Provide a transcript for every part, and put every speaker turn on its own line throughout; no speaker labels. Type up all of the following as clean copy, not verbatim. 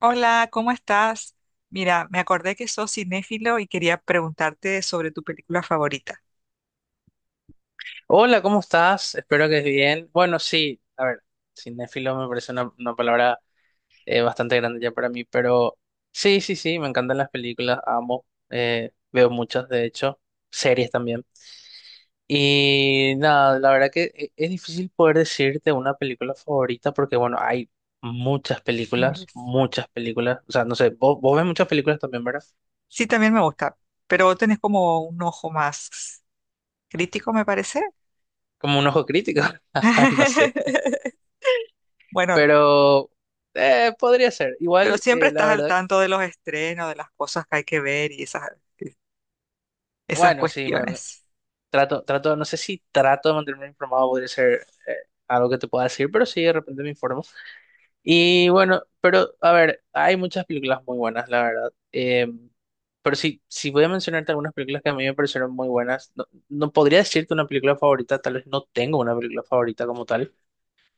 Hola, ¿cómo estás? Mira, me acordé que sos cinéfilo y quería preguntarte sobre tu película favorita.
Hola, ¿cómo estás? Espero que bien. Bueno, sí, a ver, cinéfilo me parece una palabra bastante grande ya para mí, pero sí, sí, sí, me encantan las películas, amo, veo muchas, de hecho, series también. Y nada, la verdad que es difícil poder decirte una película favorita porque, bueno, hay
Miles.
muchas películas, o sea, no sé, vos ves muchas películas también, ¿verdad?
Sí, también me gusta, pero vos tenés como un ojo más crítico, me parece.
Como un ojo crítico, no sé.
Bueno,
Pero podría ser.
pero
Igual,
siempre
la
estás al
verdad,
tanto de los estrenos, de las cosas que hay que ver y esas
bueno, sí,
cuestiones.
trato, no sé si trato de mantenerme informado, podría ser algo que te pueda decir, pero sí, de repente me informo. Y bueno, pero a ver, hay muchas películas muy buenas, la verdad. Pero sí, si voy a mencionarte algunas películas que a mí me parecieron muy buenas, no, no podría decirte una película favorita, tal vez no tengo una película favorita como tal,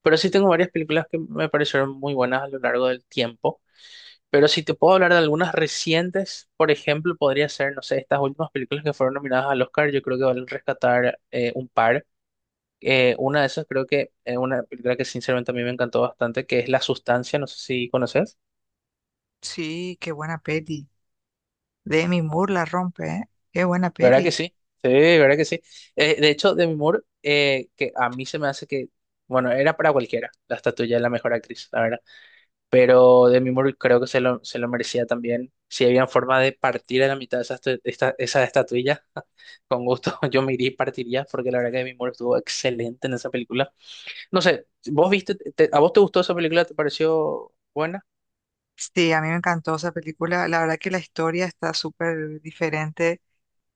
pero sí tengo varias películas que me parecieron muy buenas a lo largo del tiempo. Pero si te puedo hablar de algunas recientes, por ejemplo, podría ser, no sé, estas últimas películas que fueron nominadas al Oscar, yo creo que valen rescatar un par. Una de esas creo que es una película que sinceramente a mí me encantó bastante, que es La Sustancia, no sé si conoces.
Sí, qué buena peli. Demi Moore la rompe, ¿eh? Qué buena
¿Verdad que
peli.
sí? Sí, ¿verdad que sí? De hecho, Demi Moore, que a mí se me hace que, bueno, era para cualquiera la estatuilla de la mejor actriz, la verdad. Pero Demi Moore creo que se lo merecía también. Si había forma de partir a la mitad esa estatuilla, con gusto yo me iría y partiría, porque la verdad que Demi Moore estuvo excelente en esa película. No sé, ¿vos viste, a vos te gustó esa película? ¿Te pareció buena?
Sí, a mí me encantó esa película. La verdad que la historia está súper diferente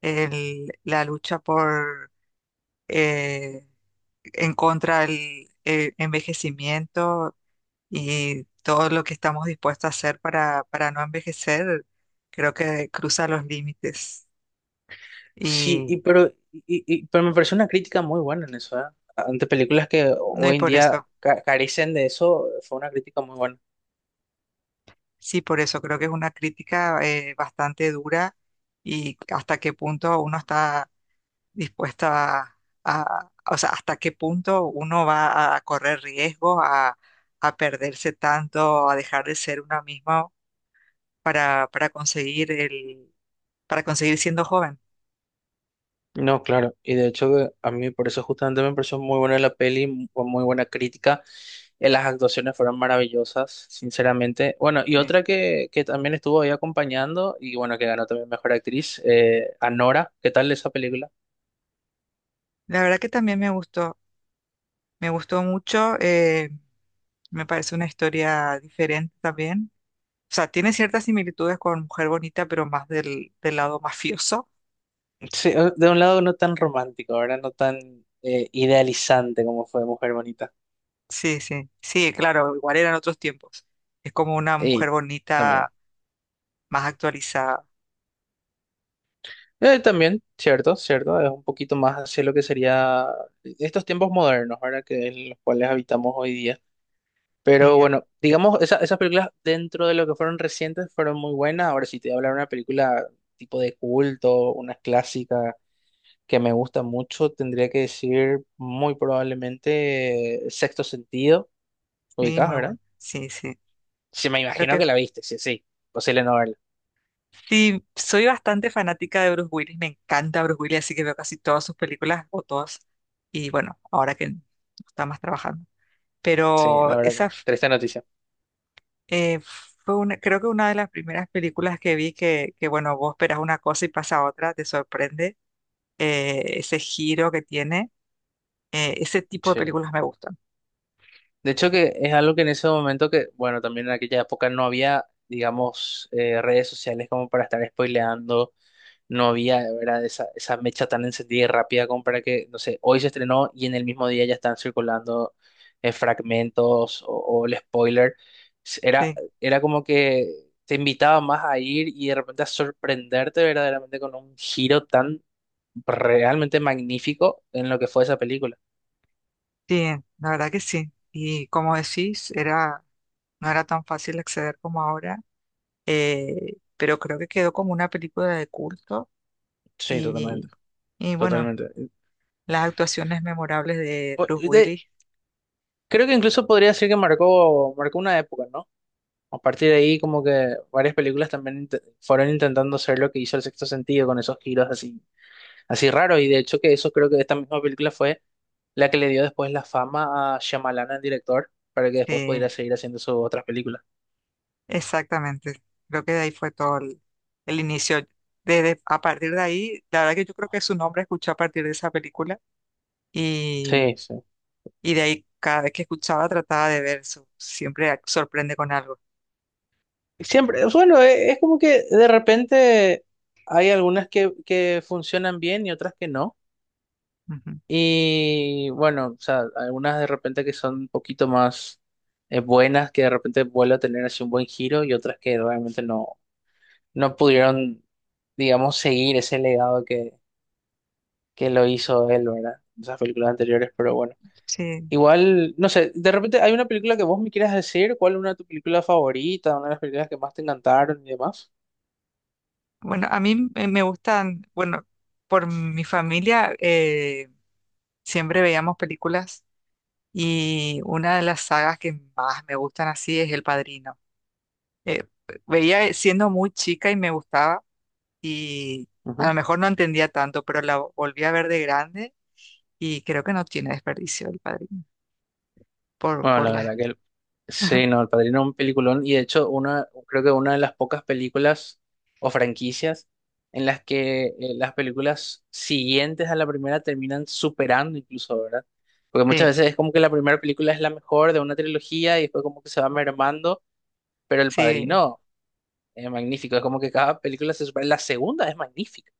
la lucha por eh, en contra del envejecimiento y todo lo que estamos dispuestos a hacer para no envejecer, creo que cruza los límites.
Sí,
Y
pero me pareció una crítica muy buena en eso, ¿eh? Ante películas que
no, y
hoy en
por
día
eso,
carecen de eso, fue una crítica muy buena.
sí, por eso creo que es una crítica bastante dura y hasta qué punto uno está dispuesta a- o sea, hasta qué punto uno va a correr riesgos, a perderse tanto, a dejar de ser una misma para conseguir para conseguir siendo joven.
No, claro, y de hecho que a mí por eso justamente me pareció muy buena la peli, con muy buena crítica. Las actuaciones fueron maravillosas, sinceramente. Bueno, y
Eh,
otra que también estuvo ahí acompañando y bueno, que ganó también Mejor Actriz, Anora, ¿qué tal esa película?
La verdad que también me gustó mucho, me parece una historia diferente también. O sea, tiene ciertas similitudes con Mujer Bonita, pero más del lado mafioso.
Sí, de un lado no tan romántico, ahora no tan idealizante como fue Mujer Bonita.
Sí, sí, sí, claro, igual eran otros tiempos. Es como una mujer
Y también.
bonita más actualizada.
También, cierto, cierto, es un poquito más hacia lo que sería estos tiempos modernos, ahora que en los cuales habitamos hoy día.
Sí,
Pero
ah,
bueno, digamos, esas películas dentro de lo que fueron recientes fueron muy buenas. Ahora, si te voy a hablar de una película tipo de culto, una clásica que me gusta mucho, tendría que decir muy probablemente Sexto Sentido,
sí,
ubicás,
muy
¿verdad?
bueno. Sí, sí.
Sí, me
Creo
imagino
que
que la viste, sí, sí, posible no verla.
sí, soy bastante fanática de Bruce Willis, me encanta Bruce Willis, así que veo casi todas sus películas o todas. Y bueno, ahora que no está más trabajando.
Sí, la
Pero
verdad
esa
que triste noticia.
eh, fue una, creo que una de las primeras películas que vi que bueno, vos esperas una cosa y pasa otra, te sorprende ese giro que tiene. Ese tipo de
Sí.
películas me gustan.
De hecho, que es algo que en ese momento que, bueno, también en aquella época no había, digamos, redes sociales como para estar spoileando no había, ¿verdad? Esa mecha tan encendida y rápida como para que, no sé, hoy se estrenó y en el mismo día ya están circulando fragmentos o el spoiler. Era,
Sí,
Era como que te invitaba más a ir y de repente a sorprenderte verdaderamente con un giro tan realmente magnífico en lo que fue esa película.
sí, la verdad que sí. Y como decís, era, no era tan fácil acceder como ahora pero creo que quedó como una película de culto
Sí,
y,
totalmente,
y bueno,
totalmente.
las actuaciones memorables de
Po-
Bruce
de-
Willis.
Creo que incluso podría decir que marcó una época, ¿no? A partir de ahí, como que varias películas también fueron intentando hacer lo que hizo El Sexto Sentido con esos giros así, así raros. Y de hecho que eso creo que esta misma película fue la que le dio después la fama a Shyamalan, el director, para que después
Eh,
pudiera seguir haciendo sus otras películas.
exactamente, creo que de ahí fue todo el inicio. Desde, a partir de ahí, la verdad que yo creo que su nombre escuché a partir de esa película y,
Sí, sí.
y de ahí cada vez que escuchaba trataba de ver, su- siempre ac- sorprende con algo.
Siempre, bueno, es como que de repente hay algunas que funcionan bien y otras que no.
Ujú.
Y bueno, o sea, algunas de repente que son un poquito más buenas, que de repente vuelve a tener así un buen giro, y otras que realmente no, no pudieron, digamos, seguir ese legado que lo hizo él, ¿verdad? En esas películas anteriores, pero bueno.
Sí,
Igual, no sé, de repente hay una película que vos me quieras decir, ¿cuál es una de tus películas favoritas, una de las películas que más te encantaron y demás?
bueno, a mí me gustan, bueno, por mi familia siempre veíamos películas. Y una de las sagas que más me gustan así es El Padrino. Eh, veía siendo muy chica y me gustaba y a lo
Ujú.
mejor no entendía tanto, pero la volví a ver de grande y creo que no tiene desperdicio El Padrino.
Bueno,
Por
la
la...
verdad que sí, no, El Padrino es un peliculón y de hecho una, creo que una de las pocas películas o franquicias en las que las películas siguientes a la primera terminan superando incluso, ¿verdad? Porque muchas
Sí,
veces es como que la primera película es la mejor de una trilogía y después como que se va mermando, pero El
sí,
Padrino es magnífico, es como que cada película se supera, la segunda es magnífica.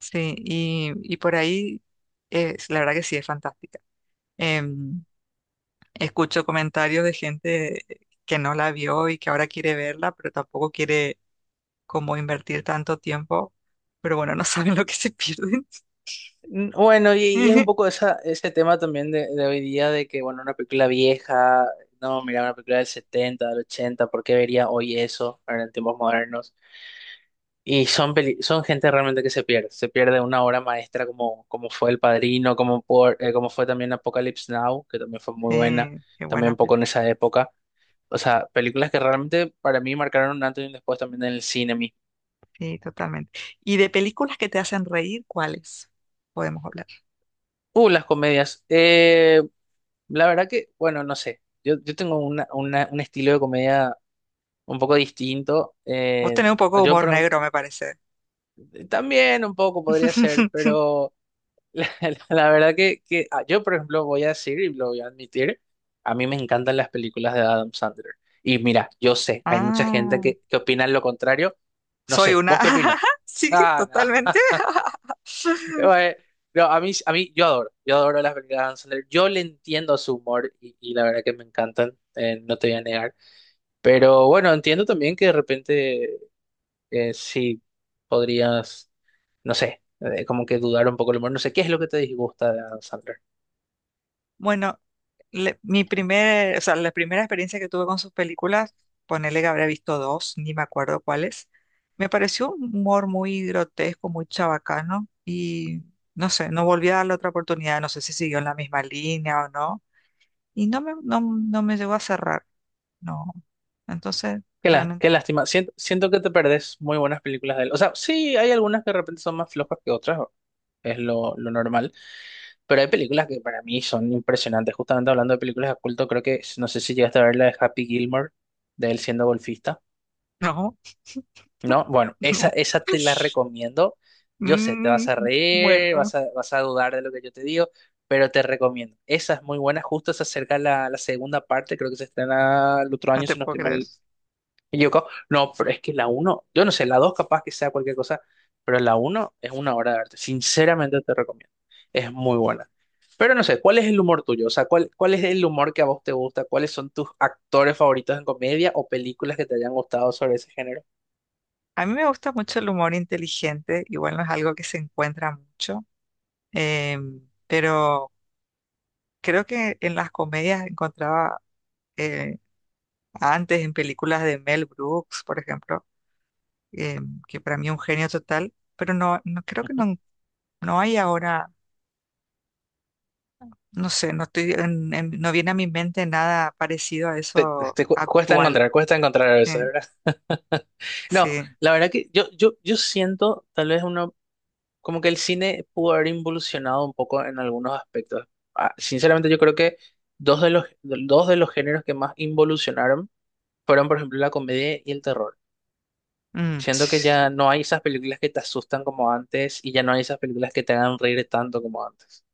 sí. Y por ahí, es, la verdad que sí es fantástica. Em, escucho comentarios de gente que no la vio y que ahora quiere verla, pero tampoco quiere cómo invertir tanto tiempo, pero bueno, no saben lo que se pierden.
Mm, bueno, y es un poco esa, ese tema también de hoy día de que, bueno, una película vieja, no, mira, una película del 70 del ochenta, ¿por qué vería hoy eso ahora en tiempos modernos? Y son, son gente realmente que se pierde una obra maestra como, como fue El Padrino, como, por, como fue también Apocalypse Now, que también fue muy buena,
Sí, qué
también
buena
un
peli.
poco en esa época. O sea, películas que realmente para mí marcaron un antes y un después también en el cine mismo.
Sí, totalmente. ¿Y de películas que te hacen reír, cuáles podemos hablar?
Las comedias. La verdad que, bueno, no sé. Yo tengo una, un estilo de comedia un poco distinto.
Vos tenés un poco de
Yo
humor
pero,
negro, me parece.
también un poco podría ser, pero la, la verdad que yo, por ejemplo, voy a decir y lo voy a admitir, a mí me encantan las películas de Adam Sandler. Y mira, yo sé, hay mucha gente
Ah,
que opina lo contrario. No
soy
sé,
una.
¿vos qué opinas?
Sí,
Ah, no.
totalmente.
Bueno, no, a mí, yo adoro las películas de Adam Sandler. Yo le entiendo su humor y la verdad que me encantan, no te voy a negar. Pero bueno, entiendo también que de repente sí podrías, no sé, como que dudar un poco el humor. No sé, ¿qué es lo que te disgusta de Adam Sandler?
Bueno, mi primer, o sea, la primera experiencia que tuve con sus películas, ponele que habré visto dos, ni me acuerdo cuáles, me pareció un humor muy grotesco, muy chabacano y no sé, no volví a darle otra oportunidad, no sé si siguió en la misma línea o no, y no me, no, no me llegó a cerrar, no. Entonces,
Qué,
realmente,
qué lástima. Siento, siento que te perdés muy buenas películas de él. O sea, sí, hay algunas que de repente son más flojas que otras, es lo normal. Pero hay películas que para mí son impresionantes. Justamente hablando de películas de culto, creo que, no sé si llegaste a ver la de Happy Gilmore, de él siendo golfista.
no,
No, bueno,
no.
esa te la recomiendo. Yo sé, te
Mm,
vas a reír,
bueno,
vas a dudar de lo que yo te digo, pero te recomiendo. Esa es muy buena, justo se acerca la segunda parte, creo que se estrena el otro
no
año,
te
si no
puedo
estoy
creer.
mal equivocado. No, pero es que la uno, yo no sé, la dos capaz que sea cualquier cosa, pero la uno es una obra de arte. Sinceramente te recomiendo. Es muy buena. Pero no sé, ¿cuál es el humor tuyo? O sea, ¿cuál es el humor que a vos te gusta? ¿Cuáles son tus actores favoritos en comedia o películas que te hayan gustado sobre ese género?
A mí me gusta mucho el humor inteligente, igual no es algo que se encuentra mucho. Em, pero creo que en las comedias encontraba eh, antes en películas de Mel Brooks, por ejemplo, em, que para mí es un genio total, pero no, no creo que no, no hay ahora, no sé, no estoy no viene a mi mente nada parecido a
Te,
eso actual.
cuesta encontrar a veces,
Eh,
¿verdad? No,
sí,
la verdad que yo siento tal vez uno, como que el cine pudo haber involucionado un poco en algunos aspectos. Ah, sinceramente yo creo que dos de los géneros que más involucionaron fueron, por ejemplo, la comedia y el terror.
mm,
Siento que ya
sí,
no hay esas películas que te asustan como antes y ya no hay esas películas que te hagan reír tanto como antes.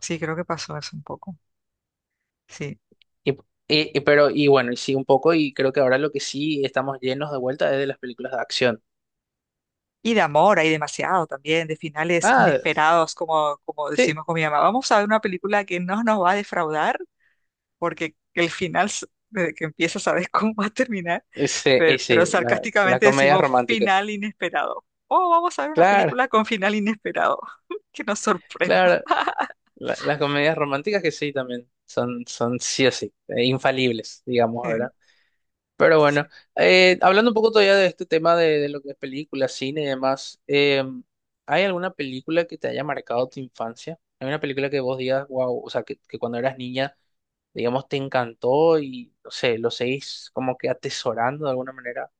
sí, creo que pasó eso un poco. Sí.
Y, y bueno, y sí un poco, y creo que ahora lo que sí estamos llenos de vuelta es de las películas de acción.
Y de amor hay demasiado también, de finales
Ah,
inesperados, como, como
sí,
decimos con mi mamá. Vamos a ver una película que no nos va a defraudar porque el final, s- desde que empieza, sabes cómo va a terminar,
ese
pero
ese las
sarcásticamente
comedias
decimos
románticas.
final inesperado. Oh, vamos a ver una
Claro,
película con final inesperado, que nos sorprenda.
claro. Las comedias románticas que sí también son, son sí o sí, infalibles, digamos,
Eh,
¿verdad? Pero bueno,
sí.
hablando un poco todavía de este tema de lo que es película, cine y demás, ¿hay alguna película que te haya marcado tu infancia? ¿Hay una película que vos digas, wow, o sea, que cuando eras niña, digamos, te encantó y, no sé, lo seguís como que atesorando de alguna manera?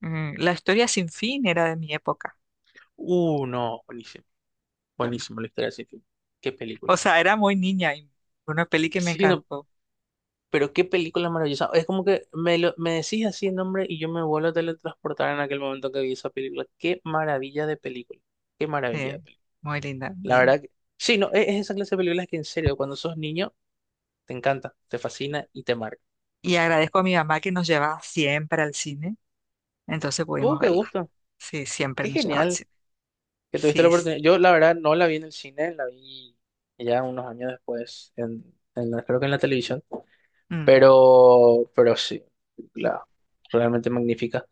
Mm, La historia sin fin era de mi época.
No, buenísimo, buenísimo la historia de ese film. ¿Qué película?
O sea, era muy niña y una peli que me
Sí, no,
encantó.
pero qué película maravillosa. Es como que me, me decís así el nombre y yo me vuelvo a teletransportar en aquel momento que vi esa película. Qué maravilla de película. Qué maravilla
eh,
de película.
Muy linda.
La verdad que... Sí, no, es esa clase de películas que en serio, cuando sos niño, te encanta, te fascina y te marca.
Y agradezco a mi mamá que nos llevaba siempre al cine. Entonces
¡Uh,
pudimos
qué
verla.
gusto!
Sí, siempre
¡Qué
nos llevaba al
genial
cine.
que tuviste
Sí.
la
s-
oportunidad! Yo, la verdad, no la vi en el cine, la vi ya unos años después, en, creo que en la televisión.
mm.
Pero sí, la, realmente magnífica.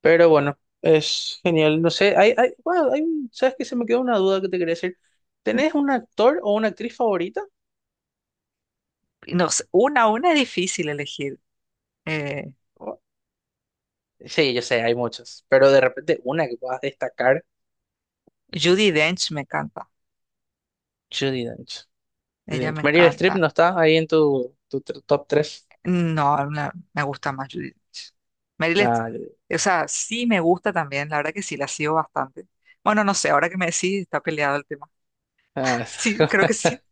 Pero bueno, es genial. No sé, hay, bueno, hay, un- ¿sabes qué? Se me quedó una duda que te quería decir. ¿Tenés un actor o una actriz favorita?
Y no sé, una a una es difícil elegir. Eh,
O- sí, yo sé, hay muchos. Pero de repente, una que puedas destacar,
Judi Dench me encanta.
Judi Dench. Judi
Ella
Dench.
me
Meryl Streep
encanta.
no está ahí en tu top tres.
No, no, me gusta más Judi Dench. Meryl, Streep,
Ah,
o sea, sí me gusta también. La verdad que sí, la sigo bastante. Bueno, no sé, ahora que me decís, está peleado el tema.
ah,
Sí, creo que sí.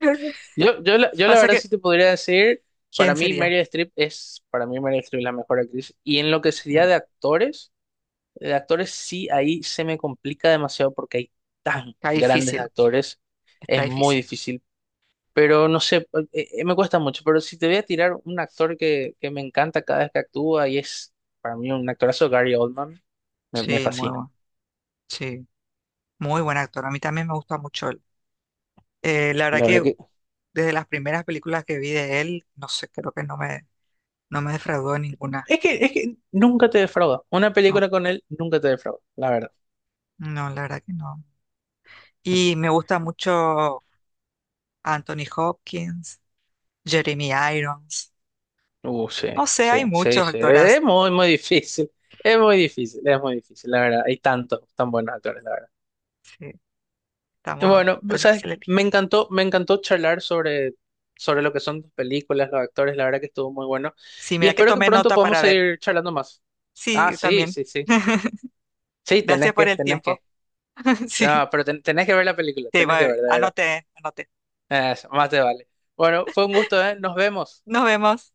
Yo la
Pasa
verdad
que,
sí te podría decir,
¿quién sería?
Para mí Meryl Streep es la mejor actriz. Y en lo que sería
Eh,
de actores. De actores sí, ahí se me complica demasiado porque hay tan
Está
grandes
difícil,
actores,
está
es muy
difícil.
difícil, pero no sé, me cuesta mucho, pero si te voy a tirar un actor que me encanta cada vez que actúa y es para mí un actorazo, Gary Oldman, me
Sí, muy
fascina.
bueno. Sí, muy buen actor. A mí también me gusta mucho él. La verdad
La verdad
que
que
desde las primeras películas que vi de él, no sé, creo que no me, no me defraudó en ninguna.
es que nunca te defrauda. Una
No,
película con él nunca te defrauda, la verdad.
no, la verdad que no. Y me gusta mucho Anthony Hopkins, Jeremy Irons.
Sí,
No sé,
sí,
hay
sí,
muchos
sí. Es
actoras.
muy, muy difícil. Es muy difícil, es muy difícil, la verdad. Hay tantos tan buenos actores, la verdad.
Sí, estamos,
Bueno,
está
¿sabes?
difícil elegir.
Me encantó charlar sobre, sobre lo que son tus películas, los actores, la verdad que estuvo muy bueno.
Sí,
Y
mira que
espero que
tomé
pronto
nota
podamos
para ver.
seguir charlando más.
Sí,
Ah,
yo
sí,
también.
sí, sí. Sí,
Gracias
tenés
por
que,
el
tenés que.
tiempo. Sí,
Ah, pero tenés que ver la película,
sí,
tenés que
va,
ver, de verdad.
anoté, anoté.
Eso, más te vale. Bueno, fue un gusto, ¿eh? Nos vemos.
Nos vemos.